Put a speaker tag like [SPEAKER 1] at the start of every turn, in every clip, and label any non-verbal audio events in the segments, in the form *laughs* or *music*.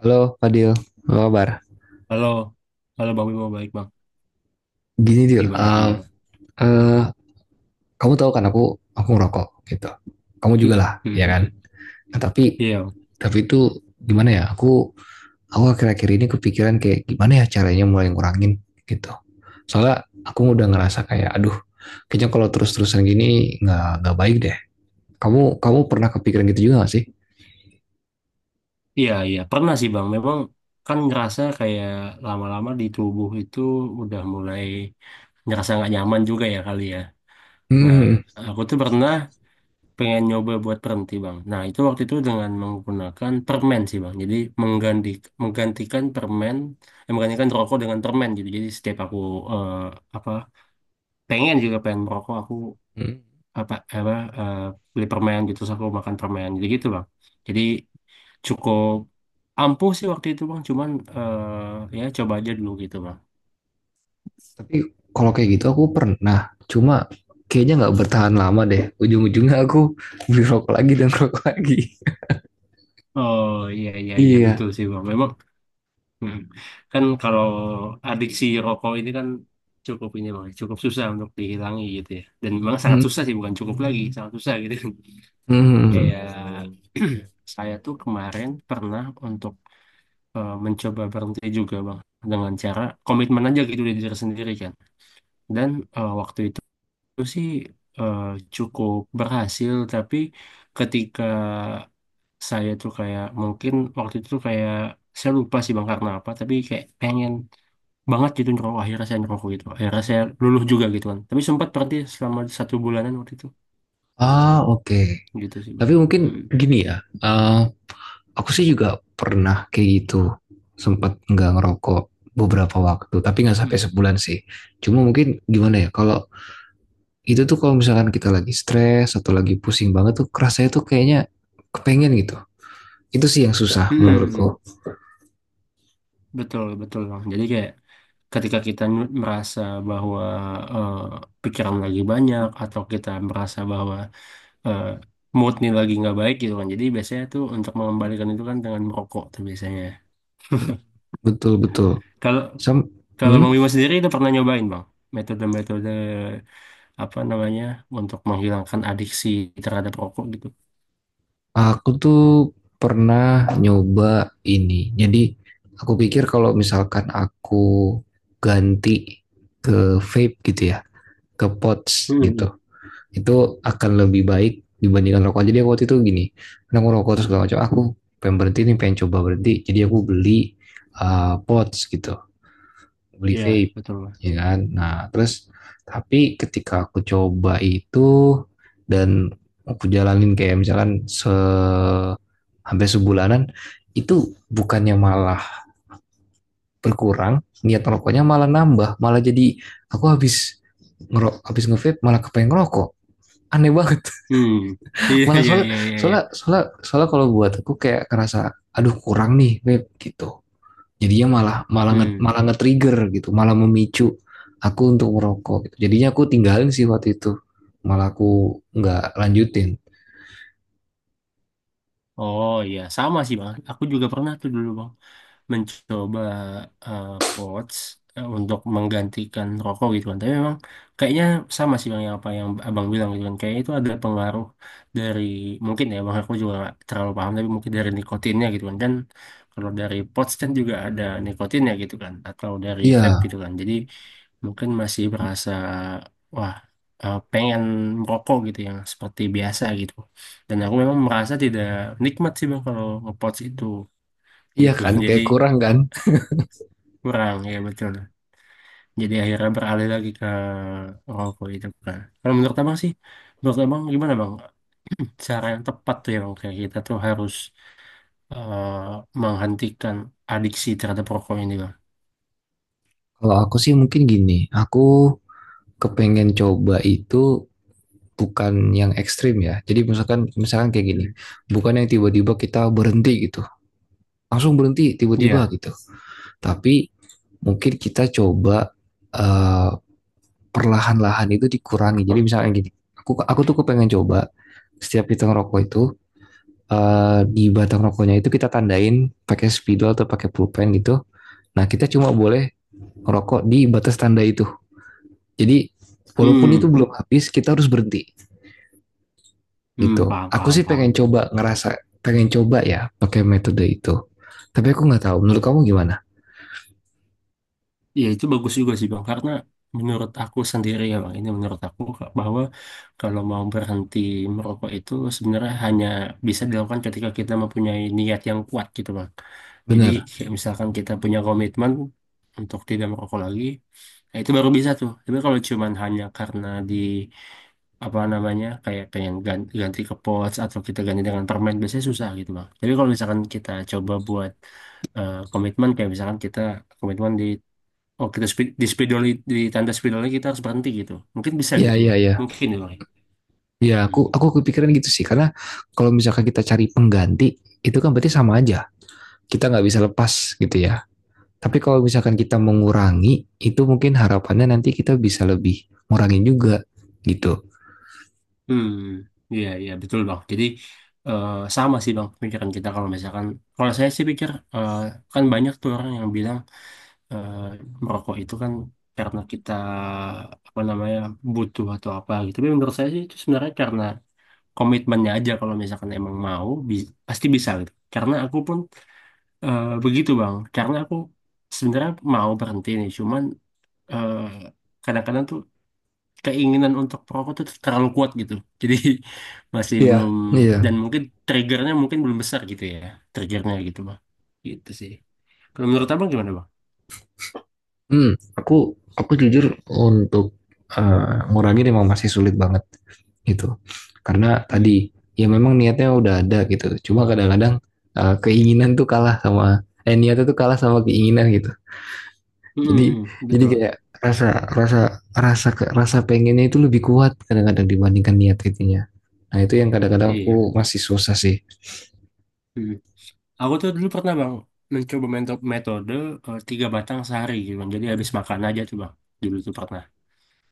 [SPEAKER 1] Halo Fadil, apa kabar?
[SPEAKER 2] Halo, halo Bang Bimo, baik Bang.
[SPEAKER 1] Gini Dil,
[SPEAKER 2] Gimana, gimana? *laughs*
[SPEAKER 1] eh, kamu tahu kan aku ngerokok gitu. Kamu juga
[SPEAKER 2] Hmm,
[SPEAKER 1] lah,
[SPEAKER 2] hmm,
[SPEAKER 1] ya
[SPEAKER 2] hmm.
[SPEAKER 1] kan? Nah, tapi
[SPEAKER 2] Iya, Bang.
[SPEAKER 1] tapi itu gimana ya? Aku akhir-akhir ini kepikiran kayak gimana ya caranya mulai ngurangin gitu. Soalnya aku udah ngerasa kayak aduh, kayaknya kalau terus-terusan gini nggak baik deh. Kamu kamu pernah kepikiran gitu juga gak sih?
[SPEAKER 2] Iya, iya. Pernah sih Bang. Memang kan ngerasa kayak lama-lama di tubuh itu udah mulai ngerasa nggak nyaman juga ya kali ya. Nah,
[SPEAKER 1] Hmm.
[SPEAKER 2] aku tuh pernah pengen nyoba buat berhenti Bang. Nah, itu waktu itu dengan menggunakan permen sih Bang. Jadi mengganti, menggantikan permen, menggantikan rokok dengan permen gitu. Jadi setiap aku eh, apa pengen juga pengen merokok, aku
[SPEAKER 1] Hmm.
[SPEAKER 2] apa apa eh, beli permen gitu terus aku makan permen jadi gitu bang. Jadi cukup ampuh sih waktu itu bang, cuman ya coba aja dulu gitu bang.
[SPEAKER 1] Tapi kalau kayak gitu aku pernah. Cuma kayaknya nggak bertahan lama deh. Ujung-ujungnya aku *laughs* beli rokok lagi dan rokok lagi. *laughs*
[SPEAKER 2] Oh iya, iya, iya,
[SPEAKER 1] Iya.
[SPEAKER 2] betul sih bang. Memang mm. kan kalau adiksi rokok ini kan cukup ini bang, cukup susah untuk dihilangi gitu ya, dan memang sangat
[SPEAKER 1] Hmm.
[SPEAKER 2] susah sih, bukan cukup lagi, sangat susah gitu. *laughs* Kayak *clears throat* saya tuh kemarin pernah untuk mencoba berhenti juga bang, dengan cara komitmen aja gitu dari diri sendiri kan. Dan waktu itu sih eh, cukup berhasil, tapi ketika saya tuh kayak mungkin waktu itu tuh kayak saya lupa sih bang karena apa, tapi kayak pengen banget gitu ngerokok. Akhirnya saya ngerokok gitu, akhirnya saya luluh juga gitu kan. Tapi sempat berhenti selama satu bulanan waktu itu,
[SPEAKER 1] Ah, oke. Okay.
[SPEAKER 2] gitu sih bang.
[SPEAKER 1] Tapi mungkin
[SPEAKER 2] Mm-mm.
[SPEAKER 1] gini ya. eh, aku sih juga pernah kayak gitu. Sempat nggak ngerokok beberapa waktu. Tapi nggak sampai
[SPEAKER 2] Mm-mm.
[SPEAKER 1] sebulan sih. Cuma mungkin gimana ya. Kalau itu tuh kalau misalkan kita lagi stres atau lagi pusing banget tuh rasanya tuh kayaknya kepengen gitu. Itu sih yang susah
[SPEAKER 2] Mm-mm.
[SPEAKER 1] menurutku.
[SPEAKER 2] Betul betul bang. Jadi kayak ketika merasa bahwa eh, pikiran lagi banyak, atau kita merasa bahwa eh, mood nih lagi nggak baik gitu kan. Jadi biasanya tuh untuk mengembalikan itu kan dengan merokok tuh biasanya.
[SPEAKER 1] Hmm, betul betul.
[SPEAKER 2] Kalau
[SPEAKER 1] Sam,
[SPEAKER 2] kalau Bang
[SPEAKER 1] hmm,
[SPEAKER 2] Bimo sendiri itu pernah nyobain Bang metode-metode apa namanya untuk menghilangkan adiksi terhadap rokok gitu.
[SPEAKER 1] aku tuh pernah nyoba ini. Jadi aku pikir kalau misalkan aku ganti ke vape gitu ya, ke pods
[SPEAKER 2] Hmm, hmm.
[SPEAKER 1] gitu, itu akan lebih baik dibandingkan rokok. Jadi aku waktu itu gini, karena aku rokok terus segala macam. "Ah, aku pengen berhenti nih, pengen coba berhenti. Jadi aku beli pods gitu. Beli
[SPEAKER 2] Iya
[SPEAKER 1] vape,
[SPEAKER 2] betul. Bang.
[SPEAKER 1] ya kan. Nah terus tapi ketika aku coba itu dan aku jalanin kayak misalkan hampir sebulanan, itu bukannya malah berkurang niat rokoknya, malah nambah, malah jadi aku habis habis ngevape malah kepengen ngerokok. Aneh banget.
[SPEAKER 2] Hmm. *laughs*
[SPEAKER 1] *laughs*
[SPEAKER 2] iya
[SPEAKER 1] Malah
[SPEAKER 2] iya
[SPEAKER 1] soalnya,
[SPEAKER 2] iya iya. iya.
[SPEAKER 1] soalnya kalau buat aku kayak ngerasa aduh kurang nih vape gitu. Jadinya malah malah nge,
[SPEAKER 2] Hmm.
[SPEAKER 1] malah nge-trigger gitu, malah memicu aku untuk merokok gitu. Jadinya aku tinggalin sih waktu itu, malah aku nggak lanjutin.
[SPEAKER 2] Oh iya sama sih Bang. Aku juga pernah tuh dulu Bang, mencoba eh, pods untuk menggantikan rokok gitu kan. Tapi memang kayaknya sama sih bang, yang apa yang abang bilang gitu kan. Kayaknya itu ada pengaruh dari, mungkin ya bang, aku juga nggak terlalu paham, tapi mungkin dari nikotinnya gitu kan. Kan kalau dari pods kan juga ada nikotinnya gitu kan, atau dari vape
[SPEAKER 1] Iya.
[SPEAKER 2] gitu kan. Jadi mungkin masih berasa wah, pengen merokok gitu yang seperti biasa gitu. Dan aku memang merasa tidak nikmat sih bang kalau ngepods itu
[SPEAKER 1] Iya
[SPEAKER 2] gitu.
[SPEAKER 1] kan,
[SPEAKER 2] *laughs*
[SPEAKER 1] kayak
[SPEAKER 2] Jadi
[SPEAKER 1] kurang kan.
[SPEAKER 2] kurang ya, betul. Jadi akhirnya beralih lagi ke rokok itu kan. Kalau menurut abang sih, menurut abang gimana bang cara yang tepat tuh, yang kayak kita tuh harus eh, menghentikan adiksi terhadap rokok ini bang.
[SPEAKER 1] Kalau aku sih mungkin gini, aku kepengen coba itu, bukan yang ekstrim ya. Jadi misalkan, kayak gini,
[SPEAKER 2] Hmm.
[SPEAKER 1] bukan yang tiba-tiba kita berhenti gitu, langsung berhenti tiba-tiba
[SPEAKER 2] Iya,
[SPEAKER 1] gitu, tapi mungkin kita coba, eh, perlahan-lahan itu dikurangi. Jadi misalnya gini, aku tuh kepengen coba, setiap kita ngerokok itu, di batang rokoknya itu kita tandain pakai spidol atau pakai pulpen gitu. Nah, kita cuma boleh ngerokok di batas tanda itu. Jadi walaupun itu
[SPEAKER 2] hmm,
[SPEAKER 1] belum habis, kita harus berhenti
[SPEAKER 2] hmm,
[SPEAKER 1] gitu.
[SPEAKER 2] paham,
[SPEAKER 1] Aku
[SPEAKER 2] paham,
[SPEAKER 1] sih pengen
[SPEAKER 2] paham.
[SPEAKER 1] coba, ngerasa pengen coba ya pakai metode itu. Tapi aku nggak tahu. Menurut kamu gimana?
[SPEAKER 2] Ya itu bagus juga sih Bang, karena menurut aku sendiri ya Bang, ini menurut aku Kak, bahwa kalau mau berhenti merokok itu sebenarnya hanya bisa dilakukan ketika kita mempunyai niat yang kuat gitu Bang. Jadi
[SPEAKER 1] Bener.
[SPEAKER 2] kayak misalkan kita punya komitmen untuk tidak merokok lagi, nah itu baru bisa tuh. Tapi kalau cuman hanya karena di apa namanya kayak pengen ganti, ganti ke pods atau kita ganti dengan permen, biasanya susah gitu Bang. Tapi kalau misalkan kita coba buat komitmen, kayak misalkan kita komitmen di, oh kita speed, di spidol, di tanda spidolnya kita harus berhenti gitu, mungkin bisa
[SPEAKER 1] Ya,
[SPEAKER 2] gitu
[SPEAKER 1] ya,
[SPEAKER 2] bang,
[SPEAKER 1] ya.
[SPEAKER 2] mungkin ya bang ya.
[SPEAKER 1] Ya, aku
[SPEAKER 2] Hmm.
[SPEAKER 1] aku kepikiran gitu sih. Karena kalau misalkan kita cari pengganti, itu kan berarti sama aja. Kita nggak bisa lepas gitu ya. Tapi kalau misalkan kita mengurangi, itu mungkin harapannya nanti kita bisa lebih ngurangin juga gitu.
[SPEAKER 2] Hmm. Iya, iya, betul bang. Jadi eh, sama sih bang pikiran kita. Kalau misalkan, kalau saya sih pikir eh, kan banyak tuh orang yang bilang eh, merokok itu kan karena kita apa namanya butuh atau apa gitu, tapi menurut saya sih itu sebenarnya karena komitmennya aja. Kalau misalkan emang mau pasti bisa gitu, karena aku pun begitu bang, karena aku sebenarnya mau berhenti nih, cuman eh, kadang-kadang tuh keinginan untuk perokok tuh terlalu kuat gitu. Jadi *laughs* masih
[SPEAKER 1] Iya.
[SPEAKER 2] belum,
[SPEAKER 1] Iya.
[SPEAKER 2] dan mungkin triggernya mungkin belum besar gitu ya. Triggernya gitu bang. Gitu sih. Kalau menurut abang gimana bang?
[SPEAKER 1] Hmm, aku jujur untuk ngurangi memang masih sulit banget gitu. Karena
[SPEAKER 2] Mm-mm.
[SPEAKER 1] tadi ya memang niatnya udah ada gitu. Cuma kadang-kadang, eh, keinginan tuh kalah sama eh niatnya tuh kalah sama keinginan gitu. Jadi
[SPEAKER 2] Mm-mm, mm,
[SPEAKER 1] jadi
[SPEAKER 2] betul.
[SPEAKER 1] kayak rasa rasa rasa ke- rasa pengennya itu lebih kuat kadang-kadang dibandingkan niat itunya. Nah, itu yang kadang-kadang aku
[SPEAKER 2] Iya.
[SPEAKER 1] masih susah sih.
[SPEAKER 2] Mm. Aku tuh dulu pernah bang mencoba metode tiga batang sehari gitu bang. Jadi habis makan aja tuh bang. Dulu tuh pernah.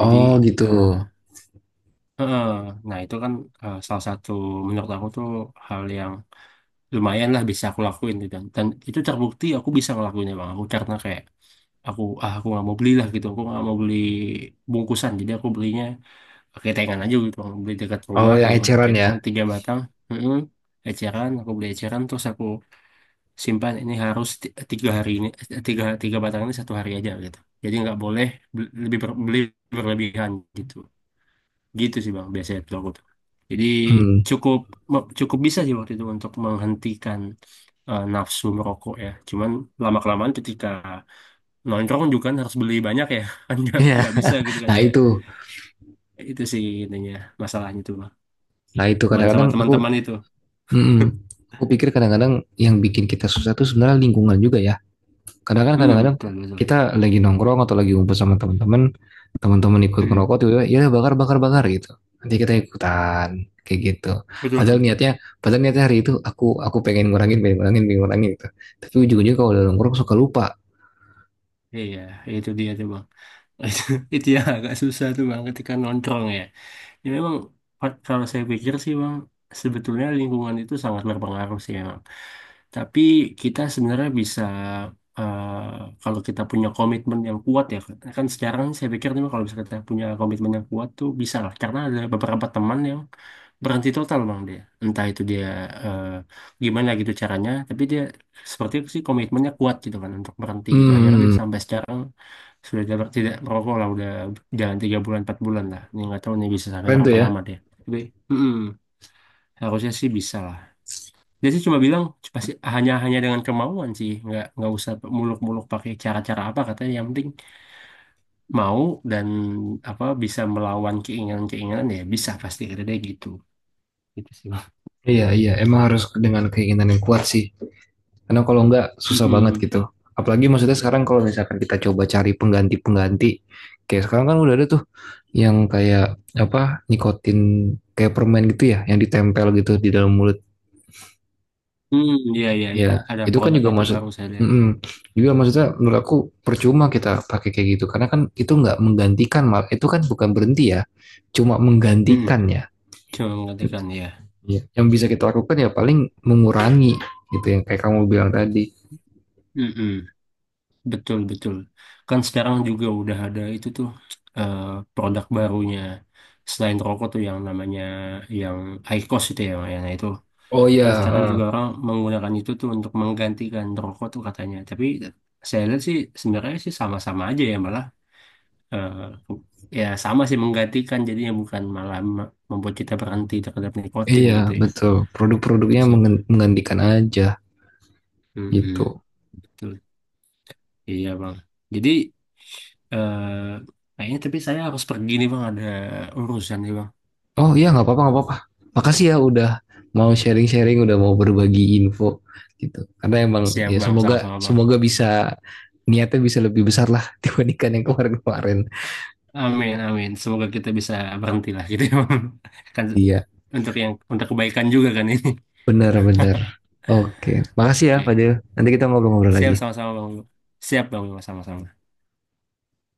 [SPEAKER 2] Jadi
[SPEAKER 1] Oh, gitu.
[SPEAKER 2] eh eh, nah itu kan salah satu, menurut aku tuh hal yang lumayan lah bisa aku lakuin gitu. Dan itu terbukti aku bisa ngelakuinnya bang. Aku karena kayak aku, ah aku nggak mau beli lah gitu. Aku nggak mau beli bungkusan. Jadi aku belinya ketengan aja gitu bang. Beli dekat
[SPEAKER 1] Oh,
[SPEAKER 2] rumah
[SPEAKER 1] yang
[SPEAKER 2] gitu kan.
[SPEAKER 1] eceran ya.
[SPEAKER 2] Ketengan tiga batang. Mm-mm. Eceran, aku beli eceran terus aku simpan ini harus tiga hari ini, tiga tiga batang ini satu hari aja gitu. Jadi nggak boleh beli, lebih beli berlebihan gitu. Gitu sih bang, biasanya tuh aku tuh. Jadi
[SPEAKER 1] Hmm. *laughs*
[SPEAKER 2] cukup cukup bisa sih waktu itu untuk menghentikan nafsu merokok ya. Cuman lama-kelamaan ketika nongkrong juga kan harus beli banyak ya. *laughs* Kan nggak
[SPEAKER 1] Iya.
[SPEAKER 2] nggak bisa gitu kan
[SPEAKER 1] Nah,
[SPEAKER 2] kayak
[SPEAKER 1] itu.
[SPEAKER 2] itu sih intinya, masalahnya tuh bang.
[SPEAKER 1] Nah, itu
[SPEAKER 2] Main sama
[SPEAKER 1] kadang-kadang aku
[SPEAKER 2] teman-teman itu.
[SPEAKER 1] mm, mm.
[SPEAKER 2] *laughs*
[SPEAKER 1] Aku pikir kadang-kadang yang bikin kita susah tuh sebenarnya lingkungan juga ya. kadang-kadang
[SPEAKER 2] Mm,
[SPEAKER 1] kadang-kadang
[SPEAKER 2] betul betul.
[SPEAKER 1] kita lagi nongkrong atau lagi ngumpul sama teman-teman, ikut
[SPEAKER 2] Mm,
[SPEAKER 1] ngerokok tiba-tiba ya bakar bakar bakar gitu, nanti kita ikutan kayak gitu.
[SPEAKER 2] betul
[SPEAKER 1] padahal
[SPEAKER 2] betul.
[SPEAKER 1] niatnya Padahal niatnya hari itu aku pengen ngurangin, pengen ngurangin gitu, tapi ujung-ujungnya kalau udah nongkrong suka lupa.
[SPEAKER 2] Iya, itu dia tuh bang. *laughs* Itu, itu yang agak susah tuh bang ketika nongkrong ya. Ya memang, kalau saya pikir sih bang, sebetulnya lingkungan itu sangat berpengaruh sih ya. Tapi kita sebenarnya bisa kalau kita punya komitmen yang kuat ya. Kan sekarang saya pikir nih, kalau bisa kita punya komitmen yang kuat tuh bisa lah, karena ada beberapa teman yang berhenti total bang. Dia entah itu dia eh, gimana gitu caranya, tapi dia seperti itu sih, komitmennya kuat gitu kan untuk berhenti gitu. Akhirnya dia
[SPEAKER 1] Hmm.
[SPEAKER 2] sampai sekarang sudah tidak tidak merokok lah, udah jalan tiga bulan, empat bulan lah, ini nggak tahu nih bisa sampai
[SPEAKER 1] Keren tuh
[SPEAKER 2] berapa
[SPEAKER 1] ya.
[SPEAKER 2] lama dia. Tapi mm-mm, harusnya sih bisa lah. Dia sih cuma bilang pasti hanya hanya dengan kemauan sih, nggak usah muluk-muluk pakai cara-cara apa katanya. Yang penting mau dan apa bisa melawan keinginan-keinginan, ya bisa, pasti ada dia gitu. Gitu sih. Bang.
[SPEAKER 1] Iya, iya, emang harus dengan keinginan yang kuat sih. Karena kalau enggak susah banget
[SPEAKER 2] Mm-mm.
[SPEAKER 1] gitu. Apalagi maksudnya sekarang kalau misalkan kita coba cari pengganti-pengganti. Kayak sekarang kan udah ada tuh yang kayak apa, nikotin kayak permen gitu ya, yang ditempel gitu di dalam mulut.
[SPEAKER 2] Hmm, iya iya iya.
[SPEAKER 1] Ya
[SPEAKER 2] Ada
[SPEAKER 1] itu kan juga
[SPEAKER 2] produknya itu
[SPEAKER 1] maksud
[SPEAKER 2] baru saya lihat.
[SPEAKER 1] mm-mm, juga maksudnya menurut aku percuma kita pakai kayak gitu, karena kan itu nggak menggantikan, mal itu kan bukan berhenti ya, cuma
[SPEAKER 2] Hmm,
[SPEAKER 1] menggantikan ya.
[SPEAKER 2] cuma mengatakan ya.
[SPEAKER 1] Iya, yang bisa kita lakukan ya paling mengurangi gitu, yang kayak kamu bilang tadi.
[SPEAKER 2] Mm-mm. Betul betul. Kan sekarang juga udah ada itu tuh, eh, produk barunya selain rokok tuh, yang namanya yang IQOS itu ya, yang itu.
[SPEAKER 1] Oh
[SPEAKER 2] Kan sekarang
[SPEAKER 1] ya.
[SPEAKER 2] juga orang menggunakan itu tuh untuk menggantikan rokok tuh katanya. Tapi saya lihat sih sebenarnya sih sama-sama aja ya, malah eh, ya sama sih menggantikan jadinya, bukan malah membuat kita berhenti terhadap nikotin
[SPEAKER 1] Iya,
[SPEAKER 2] gitu ya.
[SPEAKER 1] betul.
[SPEAKER 2] Itu sih Bang.
[SPEAKER 1] Menggantikan aja
[SPEAKER 2] Mm-mm.
[SPEAKER 1] gitu.
[SPEAKER 2] Betul. Iya Bang. Jadi eh, kayaknya tapi saya harus pergi nih Bang, ada urusan nih Bang.
[SPEAKER 1] Oh iya, nggak apa-apa, nggak apa-apa. Makasih ya udah mau sharing-sharing, udah mau berbagi info gitu. Karena emang
[SPEAKER 2] Siap
[SPEAKER 1] ya,
[SPEAKER 2] Bang,
[SPEAKER 1] semoga,
[SPEAKER 2] sama-sama Bang.
[SPEAKER 1] semoga bisa niatnya bisa lebih besar lah *laughs* dibandingkan yang kemarin-kemarin.
[SPEAKER 2] Amin, amin. Semoga kita bisa berhenti lah gitu ya Bang. *laughs* Kan
[SPEAKER 1] Iya,
[SPEAKER 2] untuk yang untuk kebaikan juga kan ini.
[SPEAKER 1] benar-benar. Oke, makasih ya
[SPEAKER 2] Oke.
[SPEAKER 1] Fadil. Nanti kita ngobrol-ngobrol
[SPEAKER 2] Siap
[SPEAKER 1] lagi.
[SPEAKER 2] sama-sama Bang. Bimo. Siap Bang, Bimo, sama-sama.